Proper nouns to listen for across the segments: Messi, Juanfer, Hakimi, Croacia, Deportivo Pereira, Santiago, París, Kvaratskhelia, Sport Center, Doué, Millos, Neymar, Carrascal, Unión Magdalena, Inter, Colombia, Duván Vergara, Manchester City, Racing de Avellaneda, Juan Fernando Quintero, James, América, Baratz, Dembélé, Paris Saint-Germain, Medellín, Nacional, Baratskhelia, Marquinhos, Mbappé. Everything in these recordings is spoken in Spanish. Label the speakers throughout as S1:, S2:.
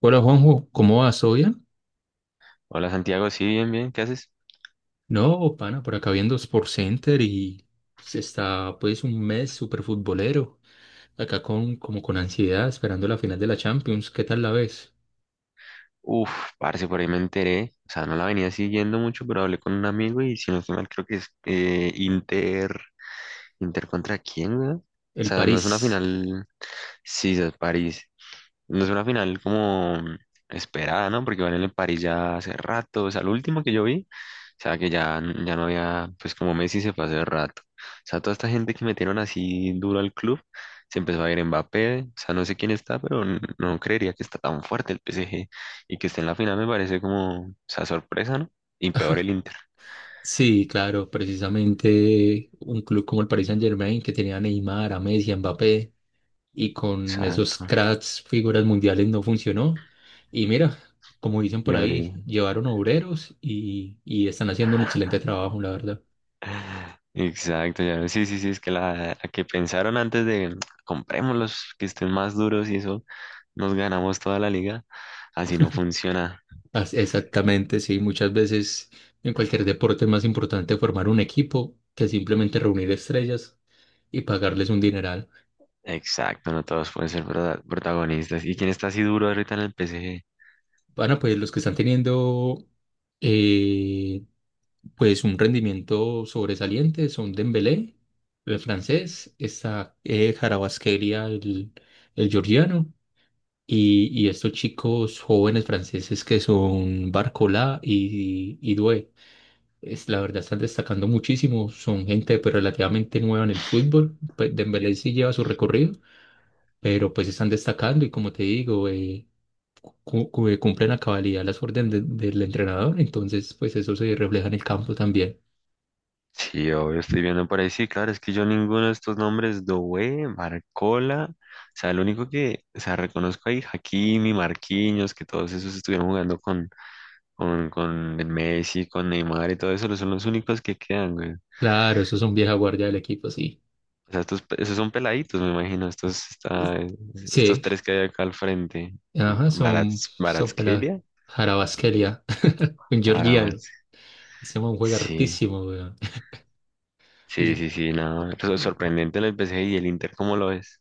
S1: Hola Juanjo, ¿cómo vas? ¿Todo bien?
S2: Hola Santiago, sí, bien, bien, ¿qué haces?
S1: No, pana, por acá viendo Sport Center y se está pues un mes súper futbolero, acá con como con ansiedad esperando la final de la Champions, ¿qué tal la ves?
S2: Uf, parce, por ahí me enteré, o sea, no la venía siguiendo mucho, pero hablé con un amigo y si no estoy mal, creo que es Inter. ¿Inter contra quién, güey? O
S1: El
S2: sea, no es una
S1: París.
S2: final, sí, es París. No es una final como esperada, ¿no? Porque van en el París ya hace rato, o sea, lo último que yo vi, o sea, que ya no había, pues como Messi se fue hace rato. O sea, toda esta gente que metieron así duro al club, se empezó a ir Mbappé, o sea, no sé quién está, pero no creería que está tan fuerte el PSG y que esté en la final me parece como, o sea, sorpresa, ¿no? Y peor el Inter.
S1: Sí, claro, precisamente un club como el Paris Saint-Germain que tenía a Neymar, a Messi, a Mbappé y con esos
S2: Exacto.
S1: cracks, figuras mundiales no funcionó. Y mira, como dicen
S2: Y
S1: por ahí,
S2: ahorita.
S1: llevaron obreros y están haciendo un excelente trabajo, la verdad.
S2: Exacto, ya. Sí, sí, sí, es que la que pensaron antes de compremos los que estén más duros y eso nos ganamos toda la liga. Así no funciona.
S1: Exactamente, sí. Muchas veces en cualquier deporte es más importante formar un equipo que simplemente reunir estrellas y pagarles un dineral.
S2: Exacto, no todos pueden ser protagonistas. ¿Y quién está así duro ahorita en el P. PSG?
S1: Bueno, pues los que están teniendo eh, pues un rendimiento sobresaliente son Dembélé, el francés, está Kvaratskhelia, el georgiano, y estos chicos jóvenes franceses que son Barcola y Doué. Es, la verdad están destacando muchísimo, son gente pues relativamente nueva en el fútbol, pues Dembélé sí lleva su recorrido, pero pues están destacando y como te digo, cumplen a cabalidad las órdenes del entrenador, entonces pues eso se refleja en el campo también.
S2: Sí, obvio, estoy viendo por ahí. Sí, claro, es que yo ninguno de estos nombres, Doué, Barcola, o sea, el único que, o sea, reconozco ahí, Hakimi, Marquinhos, que todos esos estuvieron jugando con el Messi, con Neymar y todo eso, son los únicos que quedan, güey.
S1: Claro, esos son vieja guardia del equipo, sí.
S2: O sea, estos, esos son peladitos, me imagino, estos,
S1: Es-
S2: estos
S1: Sí,
S2: tres que hay acá al frente,
S1: ajá, son,
S2: Baratz,
S1: son para
S2: Baratskhelia.
S1: Jarabasquelia, un
S2: Ahora
S1: georgiano,
S2: avance.
S1: ese man juega
S2: Sí,
S1: hartísimo, weón.
S2: sí, sí, sí, no. Eso es sorprendente el PSG y el Inter, ¿cómo lo ves?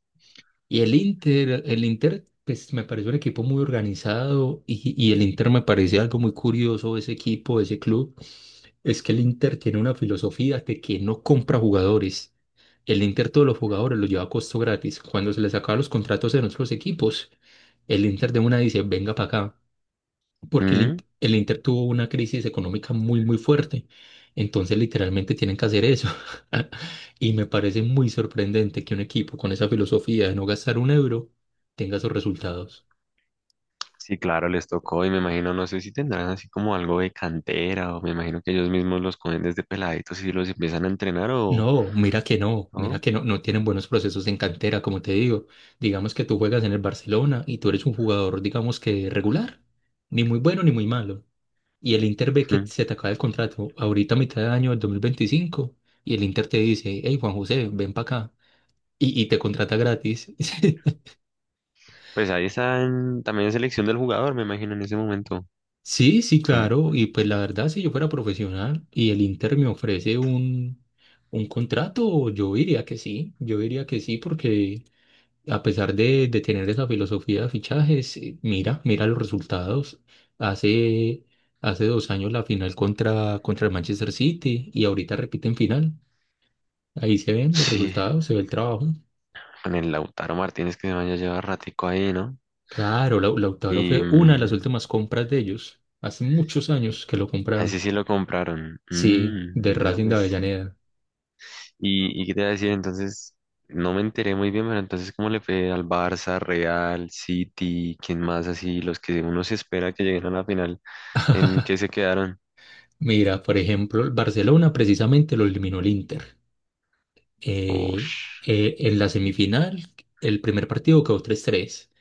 S1: Y el Inter, pues me pareció un equipo muy organizado y el Inter me parecía algo muy curioso, ese equipo, ese club, es que el Inter tiene una filosofía de que no compra jugadores. El Inter todos los jugadores los lleva a costo gratis. Cuando se les acaban los contratos en otros equipos, el Inter de una dice, venga para acá porque
S2: ¿Mm?
S1: El Inter tuvo una crisis económica muy, muy fuerte. Entonces, literalmente tienen que hacer eso. Y me parece muy sorprendente que un equipo con esa filosofía de no gastar un euro tenga esos resultados.
S2: Sí, claro, les tocó y me imagino, no sé si tendrán así como algo de cantera o me imagino que ellos mismos los cogen desde peladitos y los empiezan a entrenar o
S1: No, mira que no, mira
S2: no.
S1: que no, no tienen buenos procesos en cantera, como te digo. Digamos que tú juegas en el Barcelona y tú eres un jugador, digamos que regular, ni muy bueno ni muy malo. Y el Inter ve que
S2: Mm.
S1: se te acaba el contrato ahorita a mitad de año del 2025 y el Inter te dice, hey Juan José, ven para acá. Y te contrata gratis.
S2: Pues ahí están también selección del jugador, me imagino en ese momento.
S1: Sí, sí,
S2: Con-
S1: claro. Y pues la verdad, si yo fuera profesional y el Inter me ofrece un contrato, yo diría que sí. Yo diría que sí, porque a pesar de tener esa filosofía de fichajes, mira, mira los resultados. Hace, hace 2 años la final contra el Manchester City y ahorita repiten final. Ahí se ven los
S2: sí,
S1: resultados, se ve el trabajo.
S2: con el Lautaro Martínez que se vaya a llevar ratico ahí, ¿no?
S1: Claro, Lautaro
S2: Y
S1: fue una de las
S2: mm,
S1: últimas compras de ellos. Hace muchos años que lo
S2: a ese
S1: compraron.
S2: sí lo compraron.
S1: Sí, de
S2: Mm, no,
S1: Racing de
S2: pues,
S1: Avellaneda.
S2: y qué te iba a decir, entonces, no me enteré muy bien, pero entonces, ¿cómo le fue al Barça, Real, City, quién más así, los que uno se espera que lleguen a la final, ¿en qué se quedaron?
S1: Mira, por ejemplo, el Barcelona precisamente lo eliminó el Inter. Eh,
S2: Ush,
S1: en la semifinal, el primer partido quedó 3-3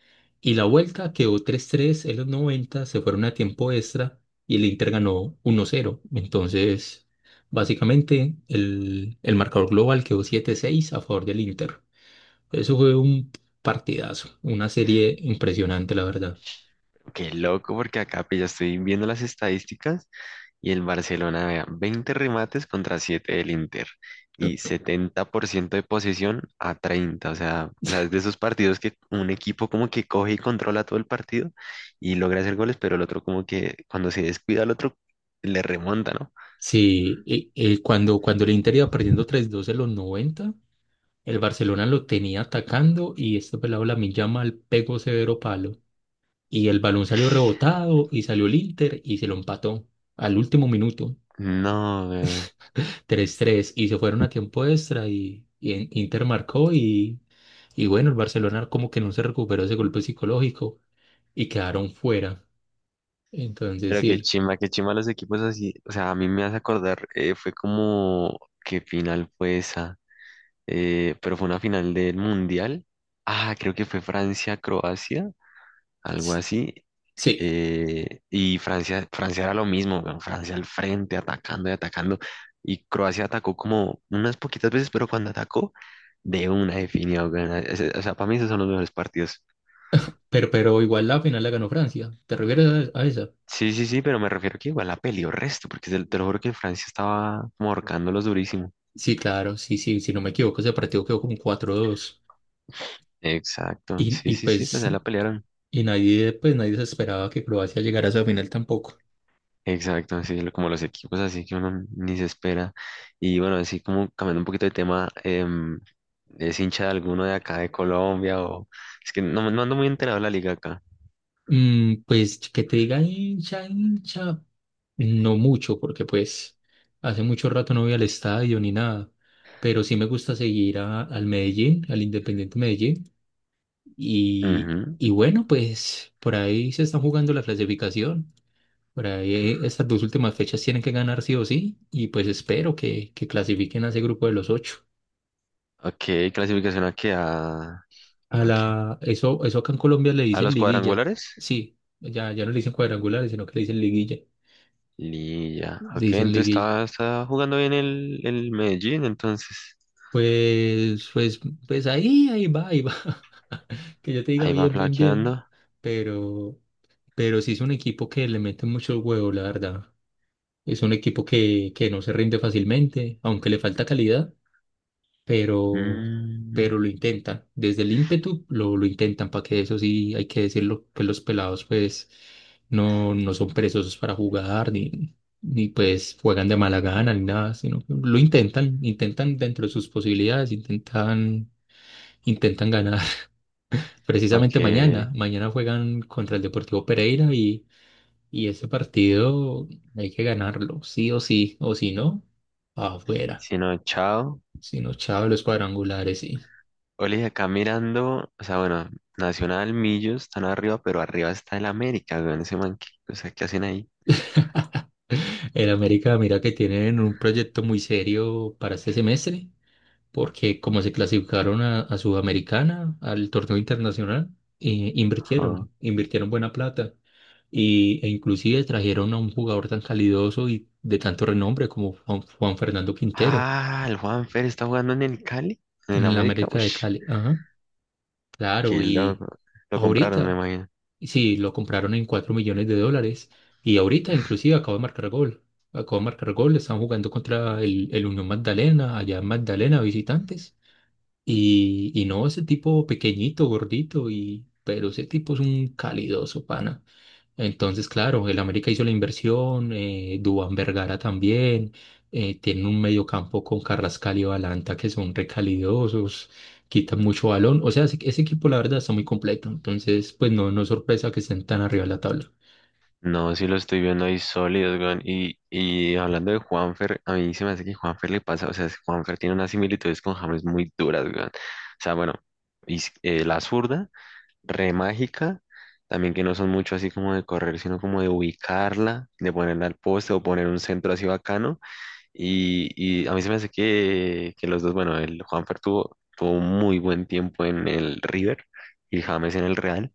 S1: y la vuelta quedó 3-3. En los 90 se fueron a tiempo extra y el Inter ganó 1-0. Entonces, básicamente, el marcador global quedó 7-6 a favor del Inter. Eso fue un partidazo, una serie impresionante, la verdad.
S2: qué loco, porque acá pues, ya estoy viendo las estadísticas. Y el Barcelona, vea, 20 remates contra 7 del Inter y 70% de posesión a 30. O sea, es de esos partidos que un equipo como que coge y controla todo el partido y logra hacer goles, pero el otro como que cuando se descuida al otro le remonta, ¿no?
S1: Sí, y cuando, cuando el Inter iba perdiendo 3-2 en los 90, el Barcelona lo tenía atacando y este pelado Lamine Yamal pegó severo palo. Y el balón salió
S2: Uy,
S1: rebotado y salió el Inter y se lo empató al último minuto,
S2: no, weón.
S1: 3-3 y se fueron a tiempo extra y Inter marcó y bueno, el Barcelona como que no se recuperó ese golpe psicológico y quedaron fuera. Entonces
S2: Pero
S1: sí, el-
S2: qué chimba los equipos así. O sea, a mí me hace acordar, fue como, ¿qué final fue esa? Pero fue una final del Mundial. Ah, creo que fue Francia-Croacia. Algo así.
S1: sí,
S2: Eh, y Francia, Francia era lo mismo, weón, Francia al frente, atacando y atacando. Y Croacia atacó como unas poquitas veces, pero cuando atacó, de una definida. Weón, o sea, para mí esos son los mejores partidos.
S1: pero igual la final la ganó Francia. ¿Te refieres a esa?
S2: Sí, sí, sí, pero me refiero que igual la peleó resto, porque te lo juro que Francia estaba como ahorcándolos durísimo.
S1: Sí, claro, sí, sí, si no me equivoco, ese partido quedó como 4-2.
S2: Exacto,
S1: Y,
S2: sí,
S1: y
S2: sí, sí, pues
S1: pues,
S2: ahí la pelearon.
S1: y nadie, pues nadie se esperaba que Croacia llegara a esa final tampoco.
S2: Exacto, sí, como los equipos así que uno ni se espera. Y bueno, así como cambiando un poquito de tema, em, ¿es hincha de alguno de acá de Colombia? O es que no, no ando muy enterado de la liga acá.
S1: Mm, pues que te diga hincha, hincha, no mucho, porque pues hace mucho rato no voy al estadio ni nada. Pero sí me gusta seguir al Medellín, al Independiente Medellín.
S2: Ujú.
S1: Y bueno, pues por ahí se están jugando la clasificación. Por ahí estas dos últimas fechas tienen que ganar sí o sí y pues espero que clasifiquen a ese grupo de los ocho.
S2: Ok, clasificación aquí a,
S1: A
S2: ¿a qué?
S1: la, eso acá en Colombia le
S2: ¿A
S1: dicen
S2: los
S1: liguilla.
S2: cuadrangulares?
S1: Sí, ya, ya no le dicen cuadrangulares, sino que le dicen liguilla.
S2: Y ya,
S1: Le
S2: ok,
S1: dicen
S2: entonces
S1: liguilla.
S2: está, está jugando bien el Medellín, entonces
S1: Pues, pues, pues ahí, ahí va, ahí va. Que yo te diga
S2: ahí va
S1: bien, bien,
S2: flaqueando.
S1: bien. Pero, pero sí es un equipo que le mete mucho huevo, la verdad. Es un equipo que no se rinde fácilmente, aunque le falta calidad pero,
S2: Mm,
S1: pero lo intentan. Desde el ímpetu lo intentan, para que eso sí hay que decirlo, que los pelados pues no, no son perezosos para jugar, ni, ni pues juegan de mala gana, ni nada, sino que lo intentan, intentan dentro de sus posibilidades, intentan, intentan ganar.
S2: ok,
S1: Precisamente mañana, mañana juegan contra el Deportivo Pereira y ese partido hay que ganarlo, sí o sí, o si no, afuera.
S2: si no, chao.
S1: Si no, chao, los cuadrangulares, sí.
S2: Oli, acá mirando, o sea, bueno, Nacional, Millos están arriba, pero arriba está el América, weón, ese man, ¿qué, o sea, ¿qué hacen ahí?
S1: En América, mira que tienen un proyecto muy serio para este semestre, porque como se clasificaron a Sudamericana, al torneo internacional,
S2: Ah,
S1: invirtieron, invirtieron buena plata y, e inclusive trajeron a un jugador tan calidoso y de tanto renombre como Juan, Juan Fernando Quintero
S2: ah, el Juanfer está jugando en el Cali, en el
S1: en la
S2: América,
S1: América
S2: uff,
S1: de Cali. Ajá, claro,
S2: qué
S1: y
S2: loco, lo compraron, me
S1: ahorita.
S2: imagino.
S1: Sí, lo compraron en 4 millones de dólares y ahorita inclusive acaba de marcar gol. Acaba de marcar gol, están jugando contra el Unión Magdalena, allá en Magdalena, visitantes. Y no, ese tipo pequeñito, gordito, y, pero ese tipo es un calidoso, pana. Entonces, claro, el América hizo la inversión, Duván Vergara también, tienen un mediocampo con Carrascal y Balanta que son recalidosos, quitan mucho balón, o sea, ese equipo la verdad está muy completo, entonces pues no, no es sorpresa que estén tan arriba de la tabla.
S2: No, sí lo estoy viendo ahí sólidos, weón, y hablando de Juanfer, a mí se me hace que Juanfer le pasa, o sea, Juanfer tiene unas similitudes con James muy duras, weón, o sea, bueno, y, la zurda re mágica, también que no son mucho así como de correr, sino como de ubicarla, de ponerla al poste o poner un centro así bacano. Y a mí se me hace que los dos, bueno, el Juanfer tuvo, tuvo un muy buen tiempo en el River y James en el Real,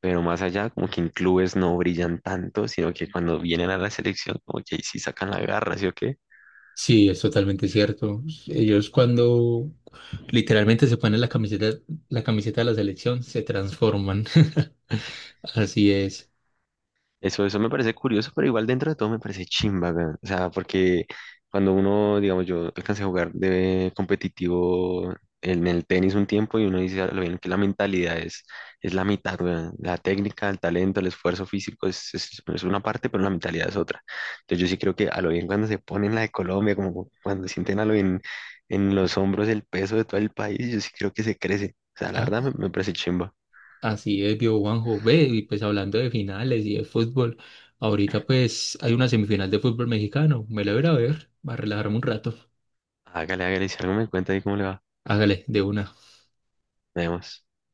S2: pero más allá, como que en clubes no brillan tanto, sino que cuando vienen a la selección, como que ahí sí sacan la garra, ¿sí o qué?
S1: Sí, es totalmente cierto. Ellos cuando literalmente se ponen la camiseta de la selección, se transforman. Así es.
S2: Eso me parece curioso, pero igual dentro de todo me parece chimba, weón. O sea, porque cuando uno, digamos, yo alcancé a jugar de competitivo en el tenis un tiempo y uno dice, "Ah, lo bien que la mentalidad es la mitad, weón. La técnica, el talento, el esfuerzo físico es una parte, pero la mentalidad es otra. Entonces yo sí creo que a lo bien cuando se ponen la de Colombia, como cuando sienten a lo bien en los hombros el peso de todo el país, yo sí creo que se crece. O sea, la verdad me, me parece chimba.
S1: Así es, vio Juanjo. Ve, y pues hablando de finales y de fútbol, ahorita pues hay una semifinal de fútbol mexicano. Me la voy a ir a ver, va a relajarme un rato.
S2: Hágale, hágale, si algo me cuenta ahí cómo le va.
S1: Hágale, de una.
S2: Nos vemos.